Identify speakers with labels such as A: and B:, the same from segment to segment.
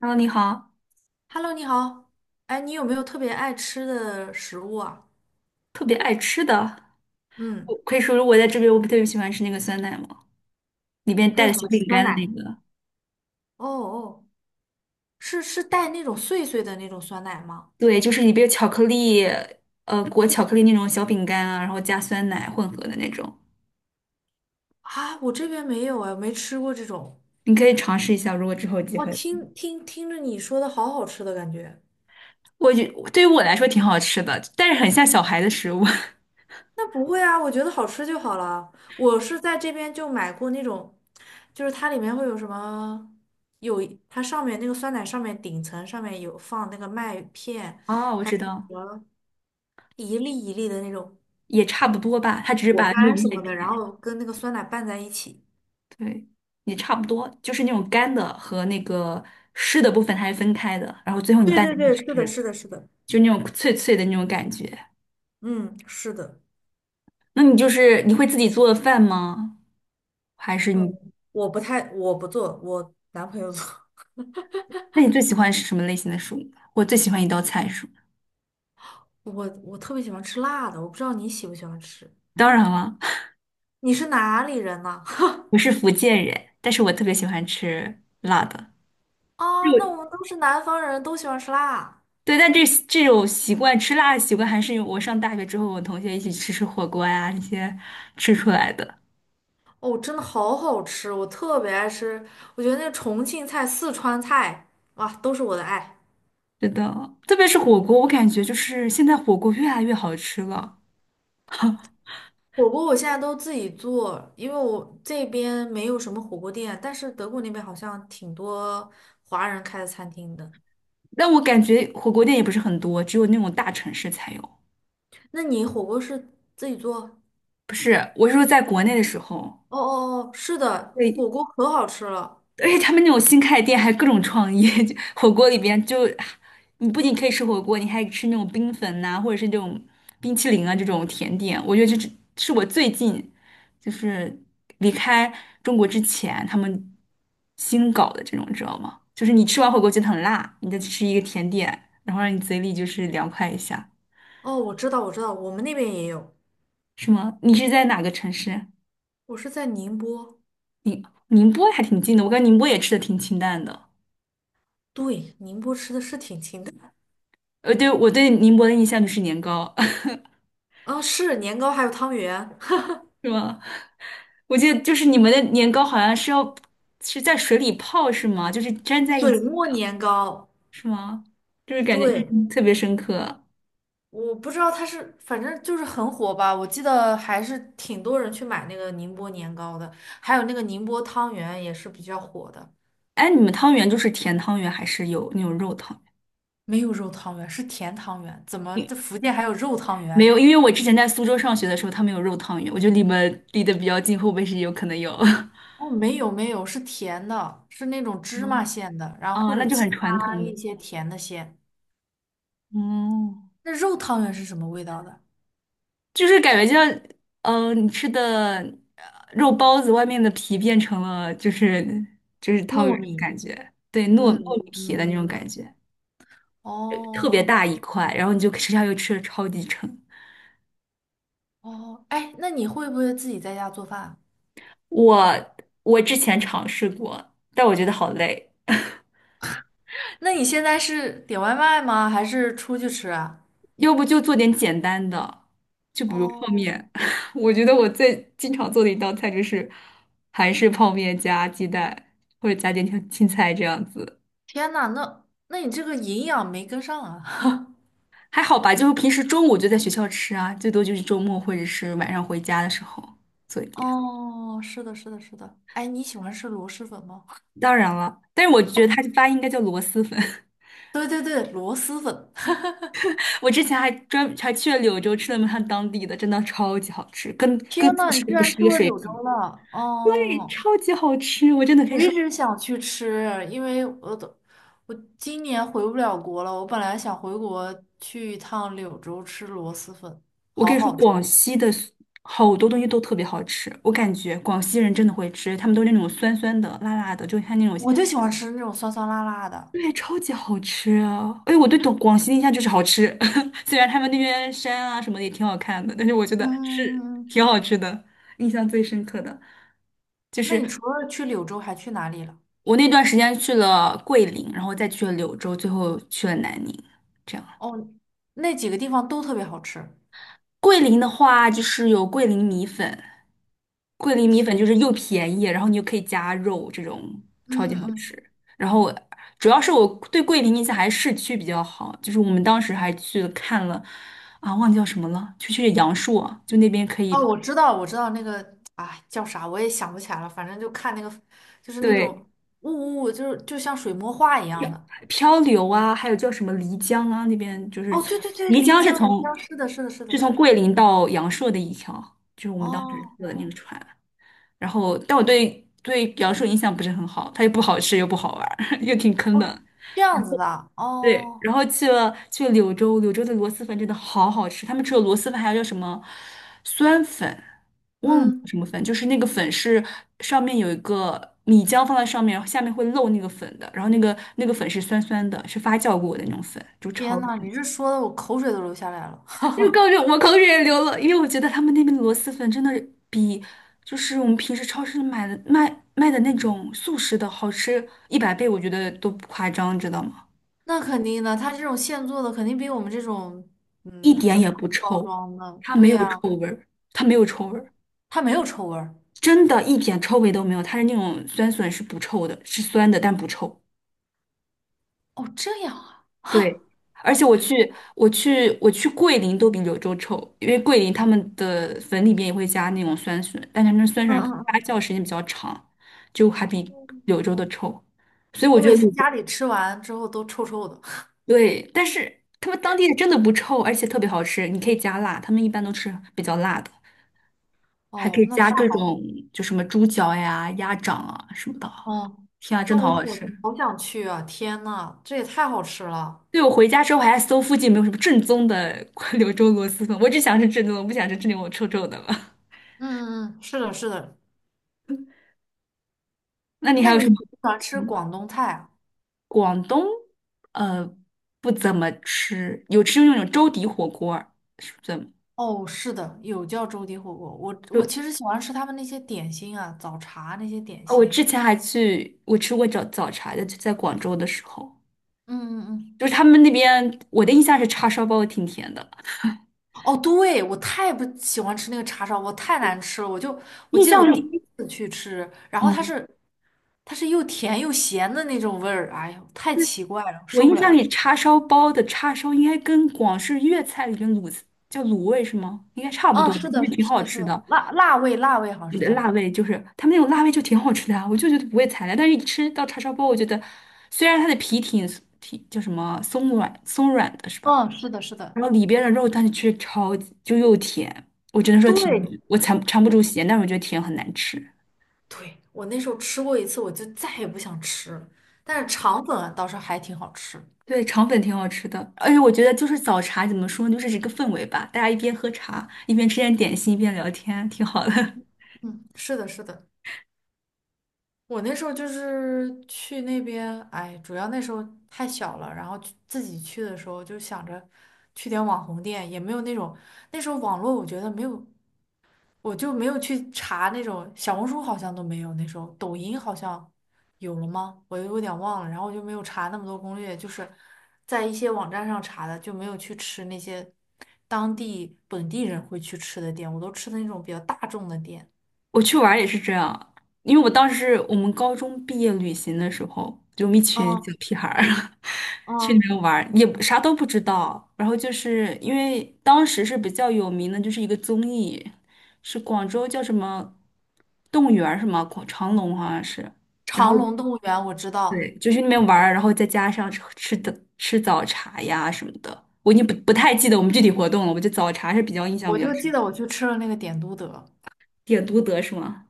A: h e 你好，
B: Hello，你好。哎，你有没有特别爱吃的食物啊？
A: 特别爱吃的，
B: 嗯，
A: 我可以说说我在这边，我不特别喜欢吃那个酸奶嘛，里边
B: 特
A: 带
B: 别
A: 着
B: 喜
A: 小
B: 欢吃
A: 饼
B: 酸
A: 干的那
B: 奶。
A: 个，
B: 哦哦，是带那种碎碎的那种酸奶吗？
A: 对，就是里边有巧克力，裹巧克力那种小饼干啊，然后加酸奶混合的那种，
B: 啊，我这边没有哎，没吃过这种。
A: 你可以尝试一下，如果之后有机
B: 哇，
A: 会。
B: 听着你说的好好吃的感觉。
A: 我觉对于我来说挺好吃的，但是很像小孩的食物。
B: 那不会啊，我觉得好吃就好了。我是在这边就买过那种，就是它里面会有什么，有它上面那个酸奶上面顶层上面有放那个麦片，
A: 哦，我
B: 还
A: 知
B: 有什
A: 道，
B: 么一粒一粒的那种。
A: 也差不多吧，它只是把
B: 果
A: 那种
B: 干什
A: 麦
B: 么的，
A: 片，
B: 然后跟那个酸奶拌在一起。
A: 对，也差不多，就是那种干的和那个湿的部分它是分开的，然后最后你
B: 对
A: 拌
B: 对
A: 在一
B: 对，
A: 起
B: 是的，
A: 吃。
B: 是的，是的，
A: 就那种脆脆的那种感觉。
B: 嗯，是的，
A: 那你就是你会自己做饭吗？还是
B: 嗯，
A: 你？
B: 我不太，我不做，我男朋友做。
A: 那你最喜欢是什么类型的食物呢？我最喜欢一道菜是什么？
B: 我特别喜欢吃辣的，我不知道你喜不喜欢吃。
A: 当然了，
B: 你是哪里人呢？
A: 我是福建人，但是我特别喜欢吃辣的。就
B: 啊，那我们都是南方人，都喜欢吃辣。
A: 对，但这种吃辣的习惯，还是我上大学之后，我同学一起吃火锅呀，那些吃出来的。
B: 哦，真的好好吃，我特别爱吃。我觉得那重庆菜、四川菜，哇，都是我的爱。
A: 是的，特别是火锅，我感觉就是现在火锅越来越好吃了。
B: 火锅我现在都自己做，因为我这边没有什么火锅店，但是德国那边好像挺多华人开的餐厅的。
A: 但我感觉火锅店也不是很多，只有那种大城市才有。
B: 那你火锅是自己做？
A: 不是，我是说在国内的时候，
B: 哦哦哦，是的，
A: 对，
B: 火锅可好吃了。
A: 而且他们那种新开的店还各种创意，就火锅里边就你不仅可以吃火锅，你还吃那种冰粉呐、或者是这种冰淇淋啊这种甜点。我觉得这是我最近就是离开中国之前他们新搞的这种，你知道吗？就是你吃完火锅觉得很辣，你再去吃一个甜点，然后让你嘴里就是凉快一下，
B: 哦，我知道，我知道，我们那边也有。
A: 是吗？你是在哪个城市？
B: 我是在宁波，
A: 宁波还挺近的，我感觉宁波也吃的挺清淡的。
B: 对，宁波吃的是挺清淡的。
A: 呃，对，我对宁波的印象就是年糕，
B: 啊，是年糕还有汤圆，
A: 是吗？我记得就是你们的年糕好像是要是在水里泡是吗？就是粘在一
B: 水
A: 起
B: 磨年糕，
A: 是吗？就是感觉印
B: 对。
A: 象特别深刻。
B: 我不知道它是，反正就是很火吧。我记得还是挺多人去买那个宁波年糕的，还有那个宁波汤圆也是比较火的。
A: 哎，你们汤圆就是甜汤圆还是有那种肉汤圆？
B: 没有肉汤圆，是甜汤圆。怎么
A: 因
B: 这福建还有肉汤
A: 没
B: 圆？
A: 有，因为我之前在苏州上学的时候，他们有肉汤圆，我觉得离得比较近，会不会是有可能有？
B: 哦，没有没有，是甜的，是那种 芝麻
A: 嗯
B: 馅的，然后
A: 啊，
B: 或者
A: 那就很
B: 其
A: 传
B: 他
A: 统
B: 一
A: 的。
B: 些甜的馅。
A: 哦，
B: 那肉汤圆是什么味道的？
A: 就是感觉就像，嗯，你吃的呃肉包子外面的皮变成了就是汤圆
B: 糯
A: 的
B: 米。
A: 感觉，对，糯
B: 嗯
A: 糯米皮的那种感
B: 嗯，
A: 觉，特
B: 哦
A: 别大一块，然后你就吃下去吃的超级撑。
B: 哦，哎，那你会不会自己在家做饭啊？
A: 我我之前尝试过，但我觉得好累，
B: 那你现在是点外卖吗？还是出去吃啊？
A: 要不就做点简单的，就比如泡
B: 哦，
A: 面。我觉得我最经常做的一道菜就是韩式泡面加鸡蛋，或者加点青菜这样子。
B: 天呐，那你这个营养没跟上啊！
A: 还好吧，就是平时中午就在学校吃啊，最多就是周末或者是晚上回家的时候做一 点。
B: 哦，是的，是的，是的。哎，你喜欢吃螺蛳粉吗？
A: 当然了，但是我觉得它这发音应该叫螺蛳粉。
B: 对对对，螺蛳粉。
A: 我之前还去了柳州吃了他们当地的，真的超级好吃，跟
B: 天
A: 自
B: 呐，你
A: 食
B: 居
A: 不
B: 然
A: 是一
B: 去
A: 个
B: 过
A: 水
B: 柳州
A: 平。
B: 了！
A: 对，
B: 哦，
A: 超级好吃，我真的可
B: 我
A: 以
B: 一
A: 说，
B: 直想去吃，因为我都我今年回不了国了。我本来想回国去一趟柳州吃螺蛳粉，
A: 我可以说广西的 好多东西都特别好吃。我感觉广西人真的会吃，他们都是那种酸酸的、辣辣的，就像那种。
B: 我就喜欢吃那种酸酸辣辣的。
A: 对，超级好吃啊！哎，我对广西的印象就是好吃，虽然他们那边山啊什么的也挺好看的，但是我觉得是
B: 嗯。嗯，
A: 挺好吃的，印象最深刻的就
B: 那你
A: 是
B: 除了去柳州，还去哪里了？
A: 我那段时间去了桂林，然后再去了柳州，最后去了南宁。这样。
B: 哦，那几个地方都特别好吃。
A: 桂林的话，就是有桂林米粉，桂林米粉
B: 天
A: 就是又便宜，然后你又可以加肉，这种
B: 嗯
A: 超级
B: 嗯
A: 好
B: 嗯，
A: 吃。然后我主要是我对桂林印象还是市区比较好，就是我们当时还去了看了，啊，忘记叫什么了，就去阳朔，就那边可
B: 哦，
A: 以
B: 我知道，我知道那个，哎，叫啥我也想不起来了。反正就看那个，就是那
A: 对
B: 种雾雾，就是就像水墨画一样
A: 漂
B: 的。
A: 漂流啊，还有叫什么漓江啊，那边就是
B: 哦，
A: 从
B: 对对对，
A: 漓
B: 漓
A: 江是
B: 江，漓
A: 从
B: 江，是的，是的，是的，
A: 是
B: 是
A: 从
B: 的。
A: 桂林到阳朔的一条，就是我们当时坐的
B: 哦
A: 那个船。然后，但我对阳朔印象不是很好，它又不好吃又不好玩儿 又挺坑
B: 哦，
A: 的。
B: 这样子的。
A: 对，
B: 哦，
A: 然后去了柳州，柳州的螺蛳粉真的好好吃，他们除了螺蛳粉还有叫什么酸粉，忘了叫
B: 嗯，
A: 什么粉，就是那个粉是上面有一个米浆放在上面，下面会漏那个粉的，然后那个粉是酸酸的，是发酵过的那种粉，就超
B: 天呐，你
A: 级。
B: 这说的我口水都流下来了。
A: 又高就我口水也流了，因为我觉得他们那边的螺蛳粉真的比就是我们平时超市买的卖的那种速食的好吃100倍，我觉得都不夸张，知道吗？
B: 那肯定的，它这种现做的肯定比我们这种
A: 一
B: 嗯
A: 点
B: 真
A: 也不
B: 空包
A: 臭，
B: 装的，
A: 它没
B: 对
A: 有
B: 呀、
A: 臭味儿，它没有臭味儿，
B: 它没有臭味儿。
A: 真的一点臭味都没有，它是那种酸笋是不臭的，是酸的但不臭。
B: 哦，这样啊！
A: 对，而且我去桂林都比柳州臭，因为桂林他们的粉里面也会加那种酸笋，但他们酸
B: 嗯
A: 笋可能发
B: 嗯
A: 酵时间比较长，就还
B: 嗯，
A: 比柳
B: 哦，
A: 州的臭。所以我
B: 我
A: 觉
B: 每
A: 得
B: 次
A: 柳州
B: 家里吃完之后都臭臭的。
A: 对，但是他们当地的真的不臭，而且特别好吃，你可以加辣，他们一般都吃比较辣的，还可
B: 哦，
A: 以
B: 那
A: 加
B: 太
A: 各
B: 好了。
A: 种就什么猪脚呀、鸭掌啊什么的啊。
B: 嗯，
A: 天啊，真
B: 那
A: 的
B: 我
A: 好
B: 好
A: 好吃！
B: 好想去啊！天呐，这也太好吃了。
A: 对，我回家之后还搜附近有没有什么正宗的 柳州螺蛳粉，我只想吃正宗的，我不想吃这里我臭臭的了。
B: 嗯嗯嗯，是的，是的。
A: 那你
B: 那
A: 还有
B: 你
A: 什
B: 喜
A: 么？
B: 不喜欢吃
A: 嗯
B: 广东菜啊？
A: 广东呃不怎么吃，有吃那种粥底火锅儿是不怎么？
B: 哦，是的，有叫粥底火锅。我我其
A: 就
B: 实喜欢吃他们那些点心啊，早茶那些点
A: 哦我
B: 心。
A: 之前我吃过早茶的，就在广州的时候，
B: 嗯嗯
A: 就
B: 嗯。
A: 是他们那边我的印象是叉烧包挺甜的，
B: 哦，对，我太不喜欢吃那个叉烧我太难吃了。我就我
A: 印
B: 记得我
A: 象
B: 第
A: 里
B: 一次去吃，然后它
A: 嗯，
B: 是。它是又甜又咸的那种味儿，哎呦，太奇怪了，
A: 我
B: 受不
A: 印象
B: 了。
A: 里叉烧包的叉烧应该跟广式粤菜里面叫卤味是吗？应该差不
B: 嗯，
A: 多的，
B: 是
A: 因
B: 的，
A: 为挺
B: 是
A: 好
B: 的，是
A: 吃
B: 的，
A: 的。
B: 辣味，辣味好像是
A: 的
B: 叫。
A: 辣味，就是他们那种辣味就挺好吃的啊，我就觉得不会踩雷。但是一吃到叉烧包，我觉得虽然它的皮挺叫什么松软的是吧？
B: 嗯，是的，是的，
A: 然后里边的肉，但是却超级就又甜，我只能说甜，
B: 对，
A: 我尝不住咸，但是我觉得甜很难吃。
B: 对，我那时候吃过一次，我就再也不想吃了。但是肠粉啊倒是还挺好吃。
A: 对，肠粉挺好吃的，而且我觉得就是早茶怎么说呢，就是一个氛围吧，大家一边喝茶，一边吃点点心，一边聊天，挺好的。
B: 嗯，是的，是的，我那时候就是去那边，哎，主要那时候太小了，然后去自己去的时候就想着去点网红店，也没有那种那时候网络我觉得没有我就没有去查那种小红书好像都没有那时候抖音好像有了吗？我有点忘了，然后我就没有查那么多攻略，就是在一些网站上查的，就没有去吃那些当地本地人会去吃的店，我都吃的那种比较大众的店。
A: 我去玩儿也是这样，因为我当时我们高中毕业旅行的时候，就我们一群
B: 嗯
A: 小屁孩儿 去那
B: 嗯，
A: 边玩儿，也不啥都不知道。然后就是因为当时是比较有名的，就是一个综艺，是广州叫什么动物园儿什么广长隆好像是。然后
B: 长隆动物园我知
A: 对，
B: 道，
A: 就去那边玩儿，然后再加上吃早茶呀什么的，我已经不太记得我们具体活动了。我就早茶是比较印象
B: 我
A: 比较
B: 就
A: 深
B: 记
A: 刻，
B: 得我去吃了那个点都德，
A: 点都德是吗？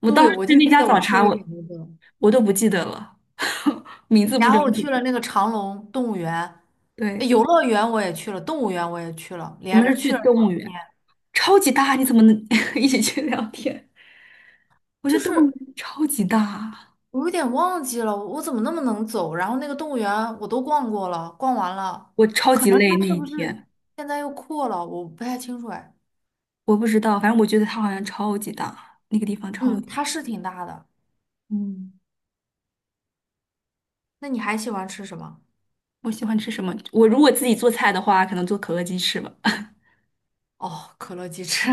A: 我当
B: 对，我
A: 时
B: 就
A: 那
B: 记
A: 家
B: 得我
A: 早
B: 吃
A: 茶
B: 了点
A: 我。
B: 都德，
A: 我都不记得了，名字不
B: 然
A: 整
B: 后我去了
A: 体。
B: 那个长隆动物园，呃
A: 对，
B: 游乐园我也去了，动物园我也去了，
A: 我
B: 连
A: 们
B: 着
A: 是去
B: 去了。
A: 动物
B: 2天。
A: 园，超级大，你怎么能 一起去聊天？我觉
B: 就
A: 得动物
B: 是
A: 园超级大，
B: 我有点忘记了，我怎么那么能走？然后那个动物园我都逛过了，逛完了，
A: 我超
B: 可
A: 级
B: 能
A: 累那
B: 它是
A: 一
B: 不是
A: 天，
B: 现在又扩了？我不太清楚哎。
A: 我不知道，反正我觉得它好像超级大，那个地方超
B: 嗯，
A: 级。
B: 它是挺大的。
A: 嗯，
B: 那你还喜欢吃什么？
A: 我喜欢吃什么？我如果自己做菜的话，可能做可乐鸡翅吧。
B: 哦，可乐鸡翅。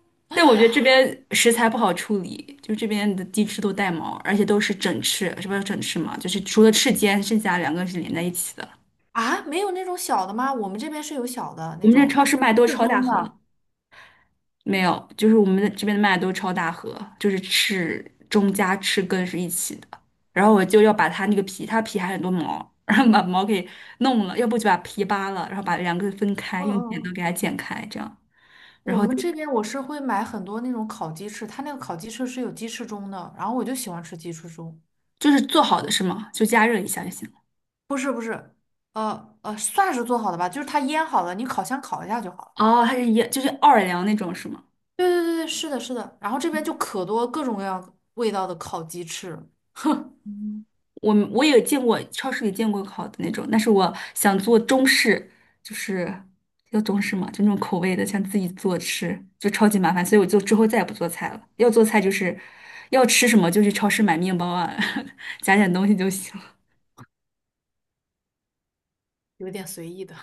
A: 但我觉得这边食材不好处理，就这边的鸡翅都带毛，而且都是整翅，是不是整翅嘛？就是除了翅尖，剩下两个是连在一起的。
B: 啊，没有那种小的吗？我们这边是有小的
A: 我
B: 那
A: 们这
B: 种，
A: 超
B: 就
A: 市卖都是
B: 适
A: 超大
B: 中
A: 盒，
B: 的。
A: 没有，就是我们这边的麦都是超大盒，就是翅中加翅根是一起的。然后我就要把它那个皮，它皮还很多毛，然后把毛给弄了，要不就把皮扒了，然后把两个分开，用
B: 嗯
A: 剪
B: 嗯
A: 刀
B: 嗯，
A: 给它剪开，这样，然
B: 我
A: 后
B: 们
A: 就
B: 这边我是会买很多那种烤鸡翅，它那个烤鸡翅是有鸡翅中的，然后我就喜欢吃鸡翅中。
A: 就是做好的是吗？就加热一下就行了。
B: 不是不是，算是做好的吧，就是它腌好了，你烤箱烤一下就好了。
A: 哦，它是就是奥尔良那种是吗？
B: 对对对对，是的，是的。然后这边就可多各种各样味道的烤鸡翅了，
A: 嗯我也见过超市里见过烤的那种，但是我想做中式，就是要中式嘛，就那种口味的，想自己做吃，就超级麻烦，所以我就之后再也不做菜了。要做菜就是要吃什么就去超市买面包啊，加点东西就行了。
B: 有点随意的。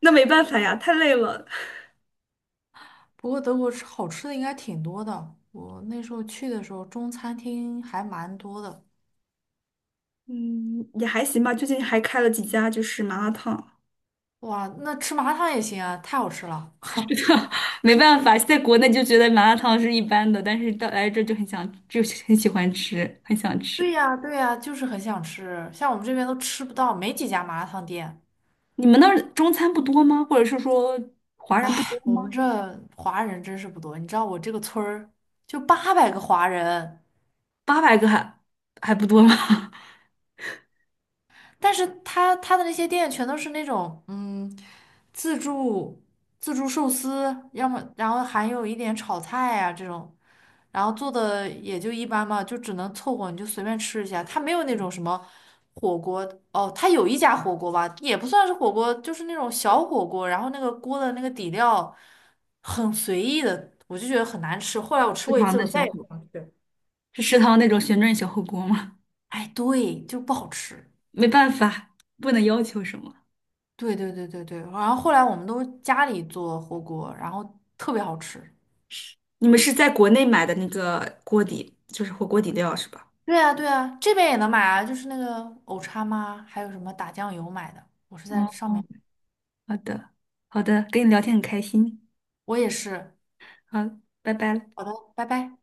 A: 那没办法呀，太累了。
B: 不过德国吃好吃的应该挺多的，我那时候去的时候中餐厅还蛮多的。
A: 嗯，也还行吧，最近还开了几家就是麻辣烫。
B: 哇，那吃麻辣烫也行啊，太好吃了。
A: 没办法，在国内就觉得麻辣烫是一般的，但是到来这就很想，就很喜欢吃，很想
B: 对
A: 吃。
B: 呀，对呀，就是很想吃，像我们这边都吃不到，没几家麻辣烫店。
A: 你们那儿中餐不多吗？或者是说华人不多
B: 唉，我们
A: 吗？
B: 这华人真是不多，你知道我这个村儿就800个华人。
A: 800个还还不多吗？
B: 但是他的那些店全都是那种嗯，自助自助寿司，要么然后还有一点炒菜啊这种，然后做的也就一般嘛，就只能凑合，你就随便吃一下。他没有那种什么火锅哦，他有一家火锅吧，也不算是火锅，就是那种小火锅，然后那个锅的那个底料很随意的，我就觉得很难吃。后来我吃
A: 食
B: 过一
A: 堂
B: 次，
A: 的
B: 我
A: 小
B: 再也
A: 火
B: 不
A: 锅
B: 想吃。
A: 是食堂那种旋转小火锅吗？
B: 哎，对，就不好吃。
A: 没办法，不能要求什么。
B: 对对对对对，然后后来我们都家里做火锅，然后特别好吃。
A: 你们是在国内买的那个锅底，就是火锅底料是吧？
B: 对啊对啊，这边也能买啊，就是那个藕叉妈，还有什么打酱油买的，我是在
A: 哦，
B: 上面买。
A: 好的，好的，跟你聊天很开心，
B: 我也是。
A: 好，拜拜
B: 好的，拜拜。